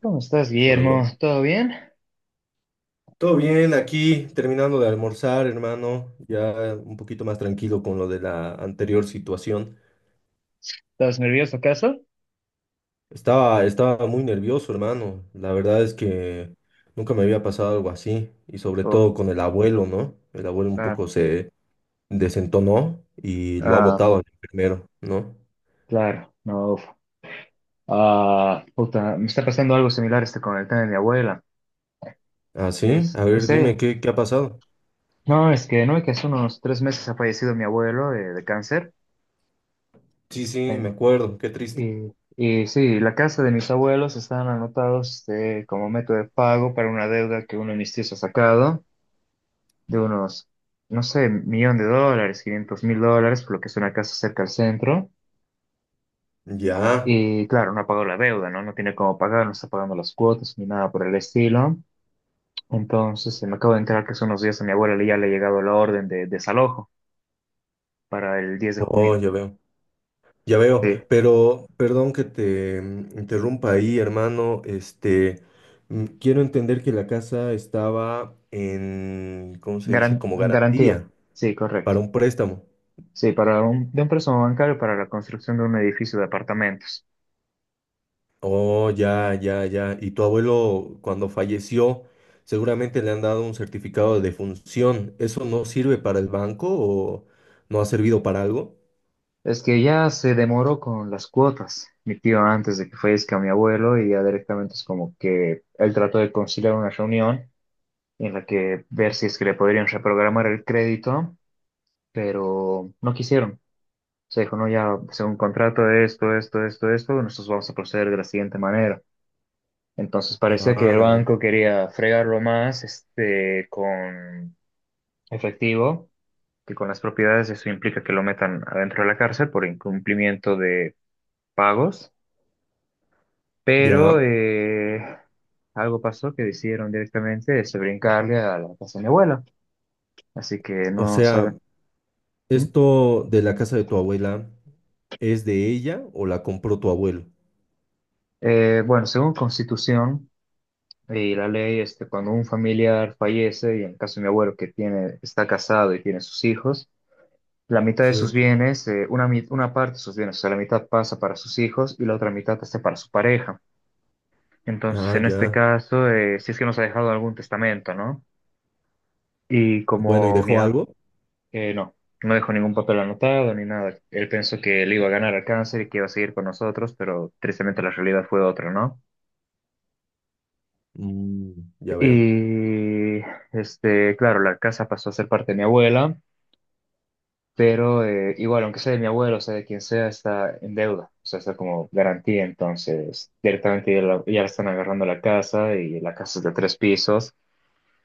¿Cómo estás, Hola, Guillermo? bro. ¿Todo bien? Todo bien, aquí terminando de almorzar, hermano, ya un poquito más tranquilo con lo de la anterior situación. ¿Estás nervioso acaso? Estaba muy nervioso, hermano. La verdad es que nunca me había pasado algo así, y sobre Uf, todo con el abuelo, ¿no? El abuelo un ah, poco se desentonó y lo ha ah, botado al enfermero, ¿no? claro, no, uf. Ah, puta, me está pasando algo similar este con el tema de mi abuela. Ah, sí, a ver, Sí, dime, ¿qué ha pasado? no, es que no, es que hace unos 3 meses ha fallecido mi abuelo de cáncer. Sí, sí, me En- acuerdo, qué triste. y sí, la casa de mis abuelos están anotados como método de pago para una deuda que uno de mis tíos ha sacado de unos, no sé, 1 millón de dólares, 500.000 dólares, por lo que es una casa cerca al centro. Ya, Y claro, no ha pagado la deuda, ¿no? No tiene cómo pagar, no está pagando las cuotas ni nada por el estilo. Entonces, me acabo de enterar que hace unos días a mi abuela ya le ha llegado la orden de desalojo para el diez de oh, junio. ya veo. Ya veo, Sí, pero perdón que te interrumpa ahí, hermano. Este, quiero entender que la casa estaba en, ¿cómo se dice? Como garantía. garantía Sí, para correcto. un préstamo. Sí, de un préstamo bancario para la construcción de un edificio de apartamentos. Oh, ya, ya, ya. Y tu abuelo, cuando falleció, seguramente le han dado un certificado de defunción. ¿Eso no sirve para el banco o no ha servido para algo? Es que ya se demoró con las cuotas, mi tío, antes de que fallezca mi abuelo, y ya directamente es como que él trató de conciliar una reunión en la que ver si es que le podrían reprogramar el crédito pero no quisieron. Se dijo, no, ya, según contrato esto, esto, esto, esto, nosotros vamos a proceder de la siguiente manera. Entonces Ah, parecía que el la vaina. banco quería fregarlo más, este, con efectivo que con las propiedades. Eso implica que lo metan adentro de la cárcel por incumplimiento de pagos. Pero Ya. Algo pasó que decidieron directamente este, brincarle a la casa de mi abuela. Así que O no sea, saben. ¿Mm? ¿esto de la casa de tu abuela es de ella o la compró tu abuelo? Bueno, según Constitución, y la ley, este, cuando un familiar fallece, y en el caso de mi abuelo que tiene, está casado y tiene sus hijos, la mitad de sus Sí. bienes, una parte de sus bienes, o sea, la mitad pasa para sus hijos y la otra mitad pasa para su pareja. Entonces, Ah, en este ya. caso, si es que nos ha dejado algún testamento, ¿no? Y Bueno, ¿y como mi, dejó a- algo? No, no dejó ningún papel anotado ni nada. Él pensó que le iba a ganar al cáncer y que iba a seguir con nosotros, pero tristemente la realidad fue otra, ¿no? Mm, ya veo. Y, este, claro, la casa pasó a ser parte de mi abuela. Pero igual, aunque sea de mi abuelo, o sea, de quien sea, está en deuda, o sea, está como garantía, entonces directamente ya, ya le están agarrando la casa y la casa es de 3 pisos,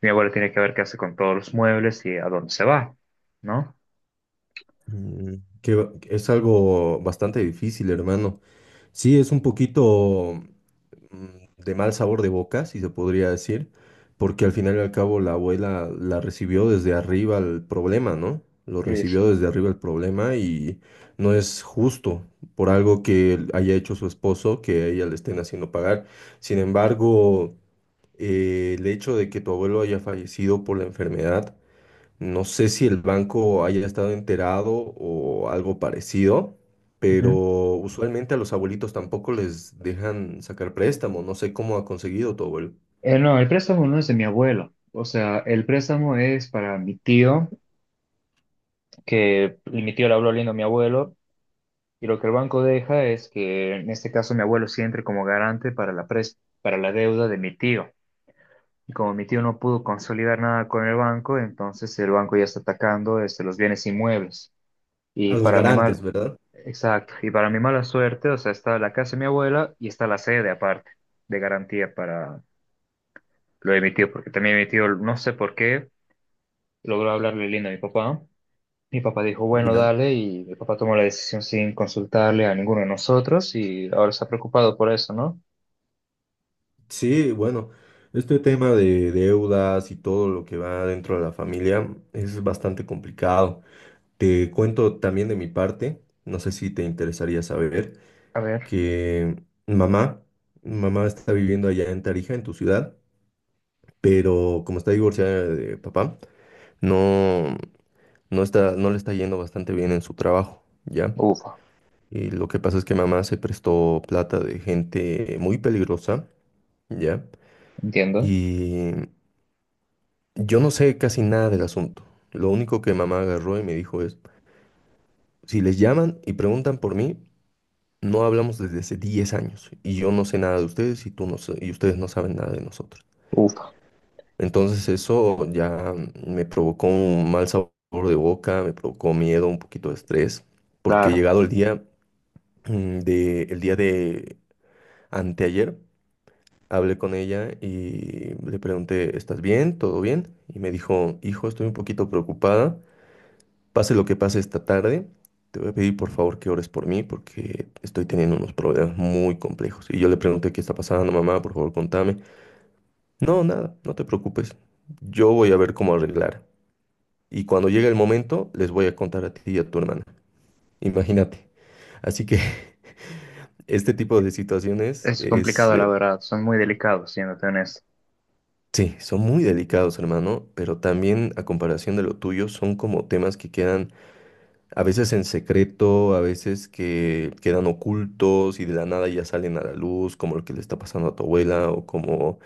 mi abuelo tiene que ver qué hace con todos los muebles y a dónde se va, ¿no? Mm, es algo bastante difícil, hermano. Sí, es un poquito de mal sabor de boca, si se podría decir, porque al final y al cabo la abuela la recibió desde arriba el problema, ¿no? Lo Sí, recibió sí. desde arriba el problema y no es justo por algo que él haya hecho su esposo que a ella le estén haciendo pagar. Sin embargo, el hecho de que tu abuelo haya fallecido por la enfermedad no sé si el banco haya estado enterado o algo parecido, pero Ujú. usualmente a los abuelitos tampoco les dejan sacar préstamo. No sé cómo ha conseguido tu abuelo. No, el préstamo no es de mi abuelo, o sea, el préstamo es para mi tío, que y mi tío le habló lindo a mi abuelo, y lo que el banco deja es que en este caso mi abuelo sí entre como garante para la deuda de mi tío. Y como mi tío no pudo consolidar nada con el banco, entonces el banco ya está atacando este, los bienes inmuebles. A Y los para mi garantes, mal, ¿verdad? exacto, y para mi mala suerte, o sea, está la casa de mi abuela y está la sede aparte de garantía para lo de mi tío, porque también mi tío, no sé por qué, logró hablarle lindo a mi papá. Mi papá dijo, bueno, Ya. dale, y mi papá tomó la decisión sin consultarle a ninguno de nosotros y ahora está preocupado por eso, ¿no? Sí, bueno, este tema de deudas y todo lo que va dentro de la familia es bastante complicado. Te cuento también de mi parte, no sé si te interesaría saber, A ver, que mamá está viviendo allá en Tarija, en tu ciudad. Pero como está divorciada de papá, no, no está, no le está yendo bastante bien en su trabajo, ¿ya? ufa, Y lo que pasa es que mamá se prestó plata de gente muy peligrosa, ¿ya? entiendo, Y yo no sé casi nada del asunto. Lo único que mamá agarró y me dijo es, si les llaman y preguntan por mí, no hablamos desde hace 10 años y yo no sé nada de ustedes y tú no sa- y ustedes no saben nada de nosotros. ufa, Entonces eso ya me provocó un mal sabor de boca, me provocó miedo, un poquito de estrés, porque claro. llegado el día el día de anteayer, hablé con ella y le pregunté, ¿estás bien? ¿Todo bien? Y me dijo, hijo, estoy un poquito preocupada, pase lo que pase esta tarde, te voy a pedir por favor que ores por mí porque estoy teniendo unos problemas muy complejos. Y yo le pregunté, ¿qué está pasando, mamá? Por favor, contame. No, nada, no te preocupes. Yo voy a ver cómo arreglar. Y cuando llegue el momento, les voy a contar a ti y a tu hermana. Imagínate. Así que este tipo de situaciones Es es, complicado, la verdad. Son muy delicados, siéndote honesto. sí, son muy delicados, hermano, pero también a comparación de lo tuyo, son como temas que quedan a veces en secreto, a veces que quedan ocultos y de la nada ya salen a la luz, como lo que le está pasando a tu abuela o como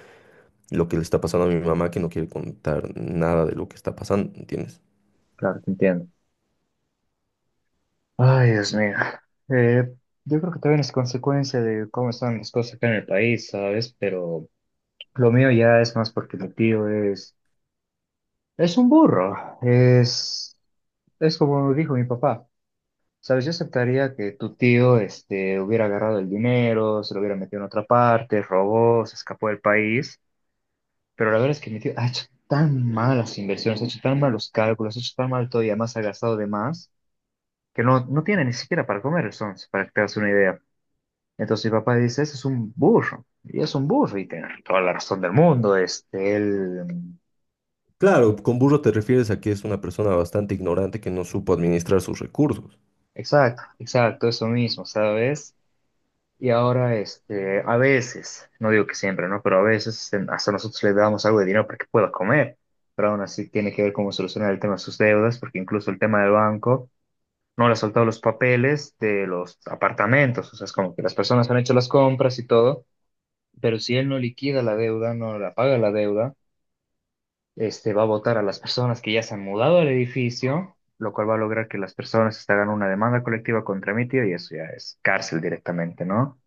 lo que le está pasando a mi mamá que no quiere contar nada de lo que está pasando, ¿entiendes? Claro, te entiendo. Ay, Dios mío. Eh, yo creo que también es consecuencia de cómo están las cosas acá en el país, ¿sabes? Pero lo mío ya es más porque Es un burro. Es como dijo mi papá. ¿Sabes? Yo aceptaría que tu tío, este, hubiera agarrado el dinero, se lo hubiera metido en otra parte, robó, se escapó del país. Pero la verdad es que mi tío ha hecho tan malas inversiones, ha hecho tan malos cálculos, ha hecho tan mal todo y además ha gastado de más que no, no tiene ni siquiera para comer el Sons, para que te hagas una idea. Entonces mi papá dice, ese es un burro, y es un burro, y tiene toda la razón del mundo, este, él, Claro, con burro te refieres a que es una persona bastante ignorante que no supo administrar sus recursos. exacto, exacto, eso mismo, ¿sabes? Y ahora, este, a veces, no digo que siempre, ¿no? Pero a veces hasta nosotros le damos algo de dinero para que pueda comer, pero aún así tiene que ver cómo solucionar el tema de sus deudas, porque incluso el tema del banco no le ha soltado los papeles de los apartamentos, o sea, es como que las personas han hecho las compras y todo, pero si él no liquida la deuda, no la paga la deuda, este va a votar a las personas que ya se han mudado al edificio, lo cual va a lograr que las personas se hagan una demanda colectiva contra mi tío y eso ya es cárcel directamente, ¿no?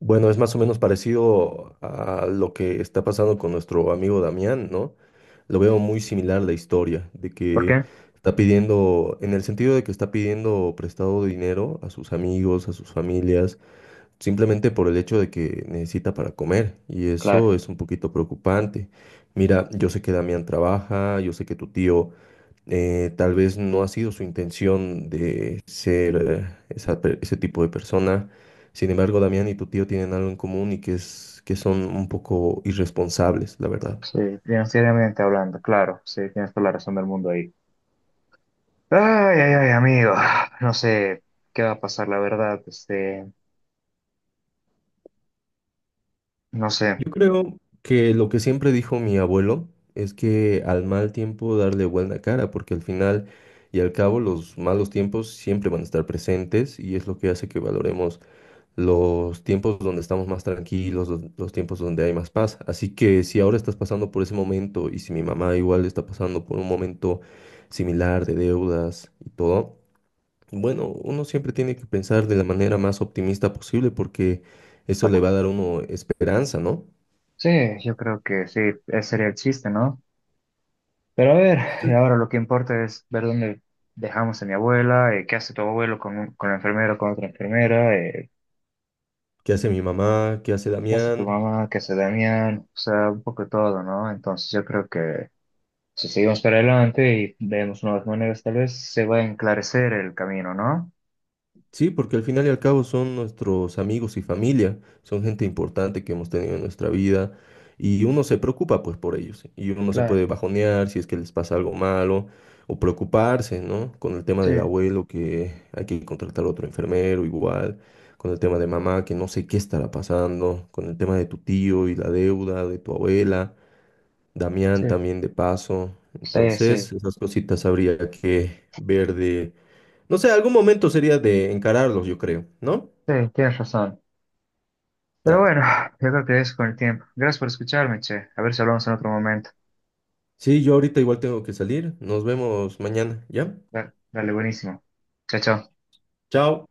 Bueno, es más o menos parecido a lo que está pasando con nuestro amigo Damián, ¿no? Lo veo muy similar la historia, de ¿Por que qué? está pidiendo, en el sentido de que está pidiendo prestado dinero a sus amigos, a sus familias, simplemente por el hecho de que necesita para comer. Y Claro, eso es un poquito preocupante. Mira, yo sé que Damián trabaja, yo sé que tu tío tal vez no ha sido su intención de ser ese tipo de persona. Sin embargo, Damián y tu tío tienen algo en común y que es que son un poco irresponsables, la verdad. sí, financieramente hablando, claro, sí, tienes toda la razón del mundo ahí. Ay, ay, ay, amigo, no sé qué va a pasar, la verdad, este, no sé. Yo creo que lo que siempre dijo mi abuelo es que al mal tiempo darle buena cara, porque al final y al cabo los malos tiempos siempre van a estar presentes y es lo que hace que valoremos los tiempos donde estamos más tranquilos, los tiempos donde hay más paz. Así que si ahora estás pasando por ese momento y si mi mamá igual está pasando por un momento similar de deudas y todo, bueno, uno siempre tiene que pensar de la manera más optimista posible porque eso le Bueno, va a dar a uno esperanza, ¿no? sí, yo creo que sí, ese sería el chiste, ¿no? Pero a ver, y ahora lo que importa es ver dónde dejamos a mi abuela, qué hace tu abuelo con la enfermera, con otra enfermera, ¿Qué hace mi mamá? ¿Qué hace qué hace tu Damián? mamá, qué hace Damián, o sea, un poco de todo, ¿no? Entonces yo creo que si seguimos para adelante y vemos nuevas maneras, tal vez se va a enclarecer el camino, ¿no? Sí, porque al final y al cabo son nuestros amigos y familia, son gente importante que hemos tenido en nuestra vida y uno se preocupa pues por ellos y uno se Claro, puede bajonear si es que les pasa algo malo o preocuparse, ¿no? Con el tema sí, del abuelo que hay que contratar otro enfermero igual, con el tema de mamá que no sé qué estará pasando, con el tema de tu tío y la deuda de tu abuela, Damián sí. también de paso. Sí, sí, Entonces, esas cositas habría que ver de no sé, algún momento sería de encararlos, yo creo, ¿no? sí, tienes razón. Pero Dale. bueno, yo creo que es con el tiempo. Gracias por escucharme, che. A ver si hablamos en otro momento. Sí, yo ahorita igual tengo que salir. Nos vemos mañana, ¿ya? Dale, dale, buenísimo. Chao, chao. Chao.